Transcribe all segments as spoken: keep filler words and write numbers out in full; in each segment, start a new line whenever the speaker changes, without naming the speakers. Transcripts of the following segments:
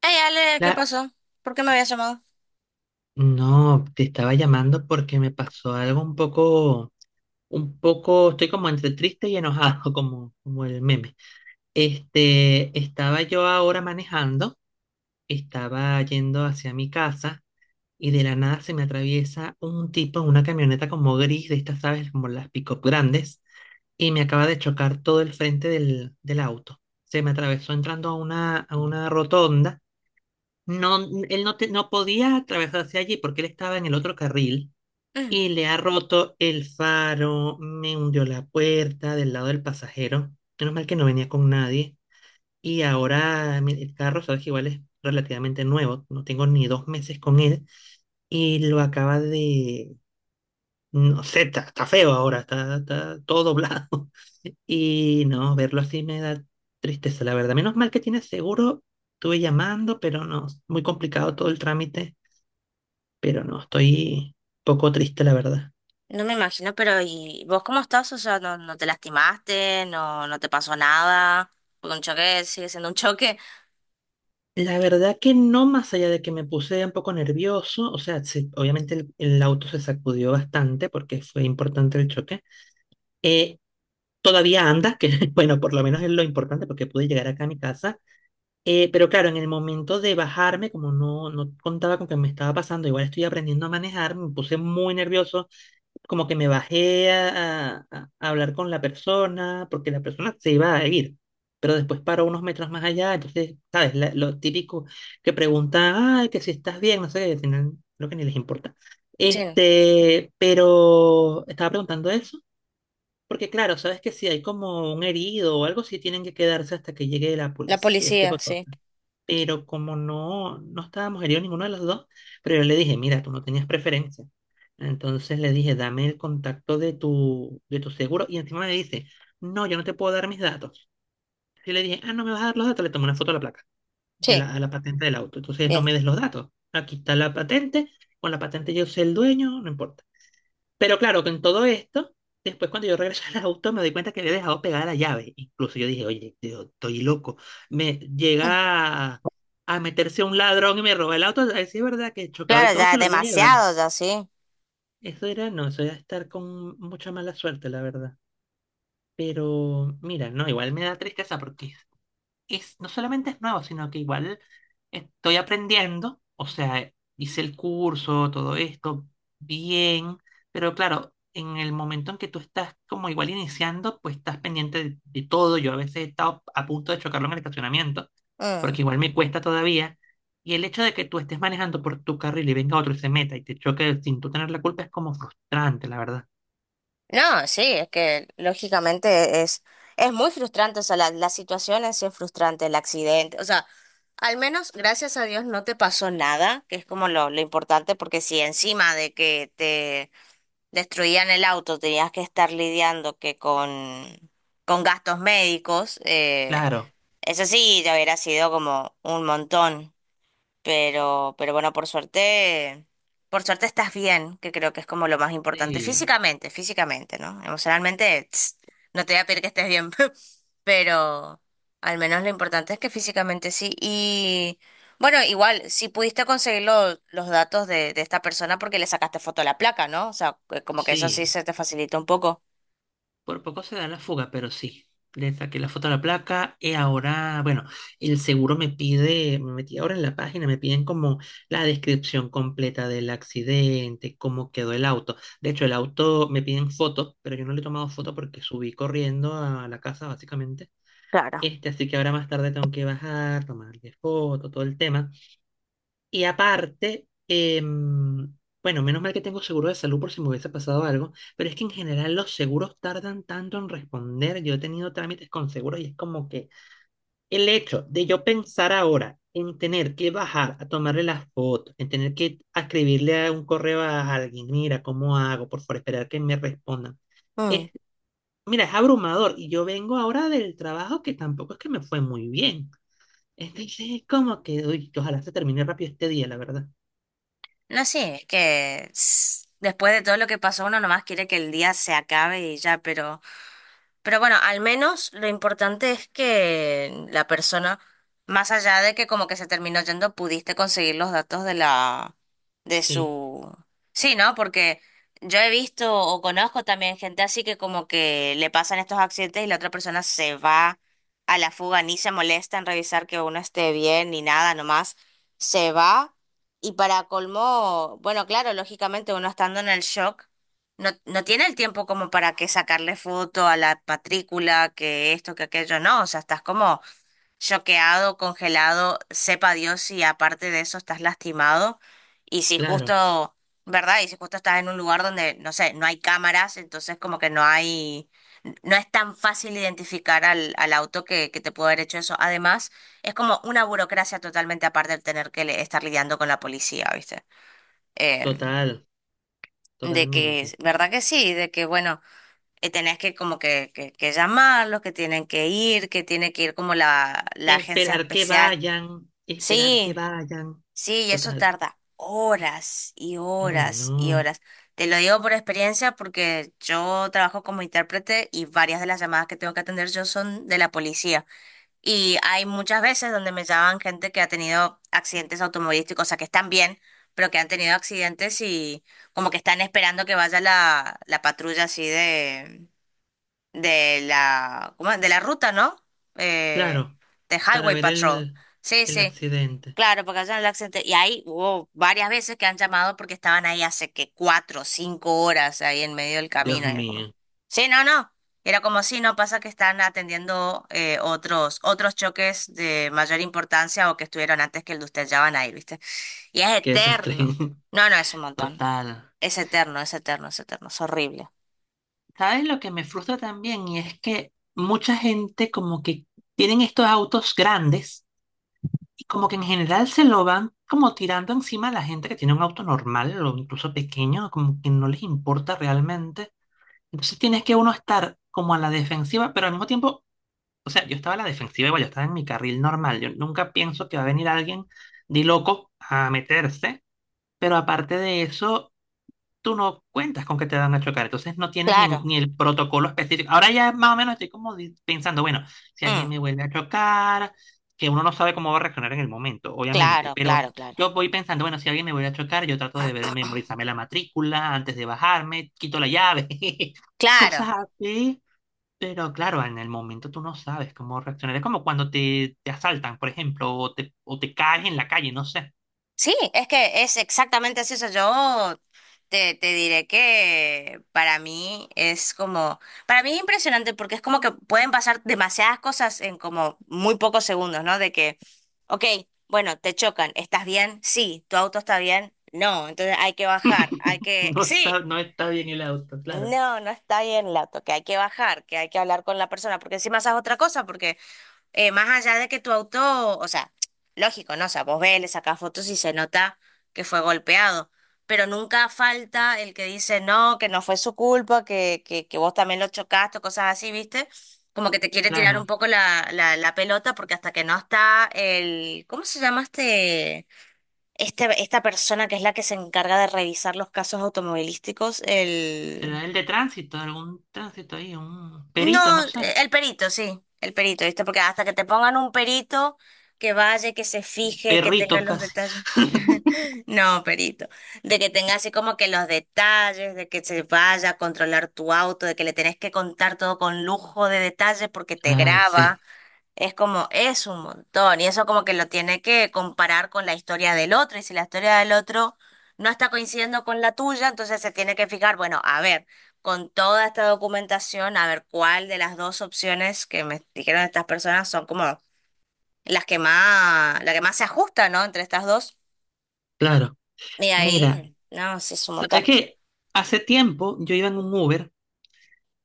Hey Ale, ¿qué
La-
pasó? ¿Por qué me habías llamado?
No, te estaba llamando porque me pasó algo un poco, un poco, estoy como entre triste y enojado, como, como el meme. Este, estaba yo ahora manejando, estaba yendo hacia mi casa y de la nada se me atraviesa un tipo en una camioneta como gris, de estas, ¿sabes? Como las pick-up grandes, y me acaba de chocar todo el frente del, del auto. Se me atravesó entrando a una, a una rotonda. No, él no, te- no podía atravesarse allí porque él estaba en el otro carril
Mm,
y le ha roto el faro, me hundió la puerta del lado del pasajero. Menos mal que no venía con nadie. Y ahora mi- el carro, sabes que igual es relativamente nuevo, no tengo ni dos meses con él y lo acaba de... No sé, está, está feo ahora, está, está todo doblado. Y no, verlo así me da tristeza, la verdad. Menos mal que tiene seguro. Estuve llamando, pero no, muy complicado todo el trámite, pero no, estoy poco triste, la verdad.
no me imagino, pero ¿y vos cómo estás? O sea, ¿no, no te lastimaste? ¿No, no te pasó nada? Porque un choque sigue siendo un choque.
La verdad que no, más allá de que me puse un poco nervioso, o sea, se- obviamente el, el auto se sacudió bastante porque fue importante el choque. Eh, todavía anda, que bueno, por lo menos es lo importante porque pude llegar acá a mi casa. Eh, pero claro, en el momento de bajarme, como no, no contaba con que me estaba pasando, igual estoy aprendiendo a manejar, me puse muy nervioso, como que me bajé a, a- a hablar con la persona, porque la persona se iba a ir, pero después paró unos metros más allá, entonces, ¿sabes? La- lo típico que pregunta, ay, que si estás bien, no sé, al final creo que ni les importa.
Sí,
Este, pero estaba preguntando eso, porque claro, sabes que si hay como un herido o algo, sí tienen que quedarse hasta que llegue la
la
policía, este
policía,
poco,
sí.
pero como no, no estábamos heridos ninguno de los dos, pero yo le dije, mira, tú no tenías preferencia. Entonces le dije, dame el contacto de tu, de tu seguro. Y encima me dice, no, yo no te puedo dar mis datos. Y le dije, ah, no me vas a dar los datos. Le tomé una foto a la placa, de
Sí,
la, a la patente del auto. Entonces no
bien.
me des los datos. Aquí está la patente. Con la patente yo soy el dueño, no importa. Pero claro, con todo esto, después cuando yo regresé al auto me doy cuenta que había dejado pegada la llave. Incluso yo dije, oye, yo estoy loco. Me
Mm.
llega a, meterse un ladrón y me roba el auto. A ver si es verdad que chocado y
Claro,
todo
ya
se lo lleva.
demasiado, ya sí.
Eso era, no, eso era estar con mucha mala suerte, la verdad. Pero mira, no, igual me da tristeza porque es, no solamente es nuevo, sino que igual estoy aprendiendo, o sea, hice el curso, todo esto, bien, pero claro, en el momento en que tú estás como igual iniciando, pues estás pendiente de, de todo. Yo a veces he estado a punto de chocarlo en el estacionamiento, porque
Mm.
igual me cuesta todavía. Y el hecho de que tú estés manejando por tu carril y venga otro y se meta y te choque sin tú tener la culpa es como frustrante, la verdad.
No, sí, es que lógicamente es, es muy frustrante, o sea, la, la situación es sí es frustrante, el accidente, o sea, al menos gracias a Dios no te pasó nada, que es como lo, lo importante, porque si encima de que te destruían el auto, tenías que estar lidiando que con, con gastos médicos, eh,
Claro,
eso sí, ya hubiera sido como un montón. Pero, pero bueno, por suerte, por suerte estás bien, que creo que es como lo más importante.
sí,
Físicamente, físicamente, ¿no? Emocionalmente, tss, no te voy a pedir que estés bien, pero al menos lo importante es que físicamente sí. Y bueno, igual, si pudiste conseguir lo- los datos de, de esta persona porque le sacaste foto a la placa, ¿no? O sea, que como que eso sí
sí.
se te facilita un poco.
Por poco se da la fuga, pero sí. Le saqué la foto a la placa y ahora, bueno, el seguro me pide, me metí ahora en la página, me piden como la descripción completa del accidente, cómo quedó el auto. De hecho, el auto me piden fotos, pero yo no le he tomado foto porque subí corriendo a la casa, básicamente.
Claro.
Este, así que ahora más tarde tengo que bajar, tomarle foto, todo el tema. Y aparte, em, bueno, menos mal que tengo seguro de salud por si me hubiese pasado algo, pero es que en general los seguros tardan tanto en responder. Yo he tenido trámites con seguros y es como que el hecho de yo pensar ahora en tener que bajar a tomarle las fotos, en tener que a escribirle a un correo a alguien, mira, ¿cómo hago? Por favor, esperar que me respondan.
Mm.
Es, mira, es abrumador y yo vengo ahora del trabajo que tampoco es que me fue muy bien. Entonces es como que, uy, que ojalá se termine rápido este día, la verdad.
No, sí, es que tss, después de todo lo que pasó, uno nomás quiere que el día se acabe y ya, pero... Pero bueno, al menos lo importante es que la persona, más allá de que como que se terminó yendo, pudiste conseguir los datos de la, de
Sí.
su... Sí, ¿no? Porque yo he visto o conozco también gente así que como que le pasan estos accidentes y la otra persona se va a la fuga, ni se molesta en revisar que uno esté bien ni nada, nomás se va. Y para colmo, bueno, claro, lógicamente uno estando en el shock. No, no tiene el tiempo como para que sacarle foto a la matrícula, que esto, que aquello, no. O sea, estás como choqueado, congelado, sepa Dios si aparte de eso estás lastimado. Y si
Claro,
justo, ¿verdad? Y si justo estás en un lugar donde, no sé, no hay cámaras, entonces como que no hay, no es tan fácil identificar al, al auto que, que te pudo haber hecho eso. Además, es como una burocracia totalmente aparte el tener que le- estar lidiando con la policía, ¿viste? Eh,
total,
de que,
totalmente.
¿verdad que sí? De que, bueno, eh, tenés que como que, que, que llamarlos, que tienen que ir, que tiene que ir como la, la agencia
Esperar que
especial.
vayan, esperar que
Sí,
vayan,
sí, y eso
total.
tarda horas y
Ay
horas y
no.
horas. Te lo digo por experiencia porque yo trabajo como intérprete y varias de las llamadas que tengo que atender yo son de la policía. Y hay muchas veces donde me llaman gente que ha tenido accidentes automovilísticos, o sea, que están bien, pero que han tenido accidentes y como que están esperando que vaya la, la patrulla así de de la, ¿cómo es? De la ruta, ¿no? Eh,
Claro,
de
para
Highway
ver
Patrol.
el,
Sí,
el
sí,
accidente.
claro, porque allá en el accidente. Y ahí hubo varias veces que han llamado porque estaban ahí hace que cuatro o cinco horas ahí en medio del
Dios
camino. Y era como,
mío,
sí, no, no. Era como, sí, no pasa que están atendiendo eh, otros, otros choques de mayor importancia o que estuvieron antes que el de usted, ya van a ir, ¿viste? Y es
qué desastre.
eterno. No, no, es un montón.
Total.
Es eterno, es eterno, es eterno. Es horrible.
¿Sabes lo que me frustra también? Y es que mucha gente como que tienen estos autos grandes y como que en general se lo van como tirando encima a la gente que tiene un auto normal o incluso pequeño, como que no les importa realmente. Entonces tienes que uno estar como a la defensiva, pero al mismo tiempo, o sea, yo estaba a la defensiva igual, yo estaba en mi carril normal. Yo nunca pienso que va a venir alguien de loco a meterse, pero aparte de eso, tú no cuentas con que te van a chocar, entonces no tienes ni,
Claro.
ni el protocolo específico. Ahora ya más o menos estoy como di- pensando, bueno, si alguien
Mm,
me vuelve a chocar, que uno no sabe cómo va a reaccionar en el momento, obviamente,
claro,
pero
claro, claro.
yo voy pensando, bueno, si alguien me vuelve a chocar, yo trato de ver- memorizarme la matrícula antes de bajarme, quito la llave, cosas
Claro,
así. Pero claro, en el momento tú no sabes cómo reaccionar. Es como cuando te, te asaltan, por ejemplo, o te, o te caes en la calle, no sé.
sí, es que es exactamente así. Eso. Yo te, te diré que para mí es como, para mí es impresionante porque es como que pueden pasar demasiadas cosas en como muy pocos segundos, ¿no? De que, ok, bueno, te chocan, ¿estás bien? Sí, ¿tu auto está bien? No, entonces hay que bajar, hay que,
No está,
sí,
no está bien el auto, claro.
no, no está bien el auto, que hay que bajar, que hay que hablar con la persona, porque encima esa es otra cosa, porque eh, más allá de que tu auto, o sea, lógico, ¿no? O sea, vos ves, le sacás fotos y se nota que fue golpeado, pero nunca falta el que dice, no, que no fue su culpa, que, que, que vos también lo chocaste, o cosas así, ¿viste? Como que te quiere tirar un
Claro.
poco la, la, la pelota porque hasta que no está el, ¿cómo se llama este? Este, esta persona que es la que se encarga de revisar los casos automovilísticos, el
Será el de tránsito, algún tránsito ahí, un perito,
no,
no sé.
eh, el perito, sí, el perito, ¿viste? Porque hasta que te pongan un perito que vaya, que se fije, que tenga
Perrito
los
casi.
detalles. No, perito. De que tenga así como que los detalles, de que se vaya a controlar tu auto, de que le tenés que contar todo con lujo de detalles porque te
Ay,
graba.
sí,
Es como, es un montón, y eso como que lo tiene que comparar con la historia del otro, y si la historia del otro no está coincidiendo con la tuya, entonces se tiene que fijar, bueno, a ver, con toda esta documentación, a ver cuál de las dos opciones que me dijeron estas personas son como las que más, la que más se ajusta, ¿no? Entre estas dos.
claro.
Y
Mira,
ahí, no, sí, es un
¿sabes
montón.
qué? Hace tiempo yo iba en un Uber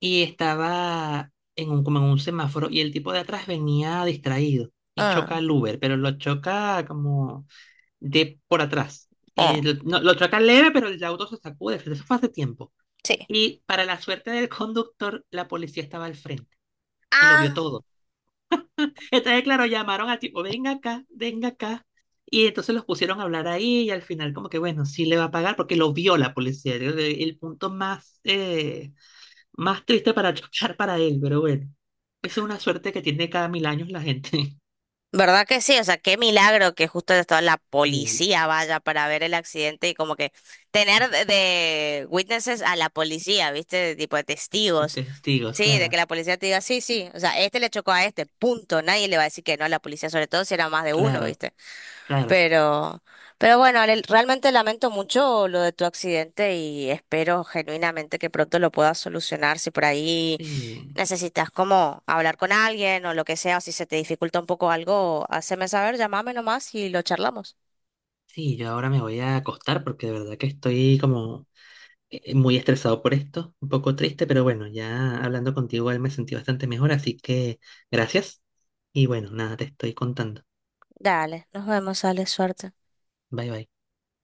y estaba en un, como en un semáforo y el tipo de atrás venía distraído y choca
Mm,
el Uber, pero lo choca como de por atrás.
eh,
Y lo, no, lo choca leve, pero el auto se sacude. Eso fue hace tiempo.
sí.
Y para la suerte del conductor, la policía estaba al frente y lo vio
Ah,
todo. Entonces, claro, llamaron a tipo, venga acá, venga acá. Y entonces los pusieron a hablar ahí y al final como que, bueno, sí le va a pagar porque lo vio la policía. El, el punto más, eh, más triste para chocar para él, pero bueno, eso es una suerte que tiene cada mil años la gente.
¿verdad que sí? O sea, qué milagro que justo toda la
Sí.
policía vaya para ver el accidente y como que tener de, de witnesses a la policía, ¿viste? De tipo de
De
testigos.
testigos,
Sí, de que
claro,
la policía te diga, sí, sí, o sea, este le chocó a este, punto. Nadie le va a decir que no a la policía, sobre todo si era más de uno,
claro,
¿viste?
claro.
Pero, pero bueno, Ale, realmente lamento mucho lo de tu accidente y espero genuinamente que pronto lo puedas solucionar. Si por ahí
Sí,
necesitas como hablar con alguien o lo que sea, o si se te dificulta un poco algo, haceme saber, llámame nomás y lo charlamos.
sí, yo ahora me voy a acostar porque de verdad que estoy como eh, muy estresado por esto, un poco triste, pero bueno, ya hablando contigo él me sentí bastante mejor, así que gracias. Y bueno, nada, te estoy contando.
Dale, nos vemos, Ale, suerte.
Bye bye.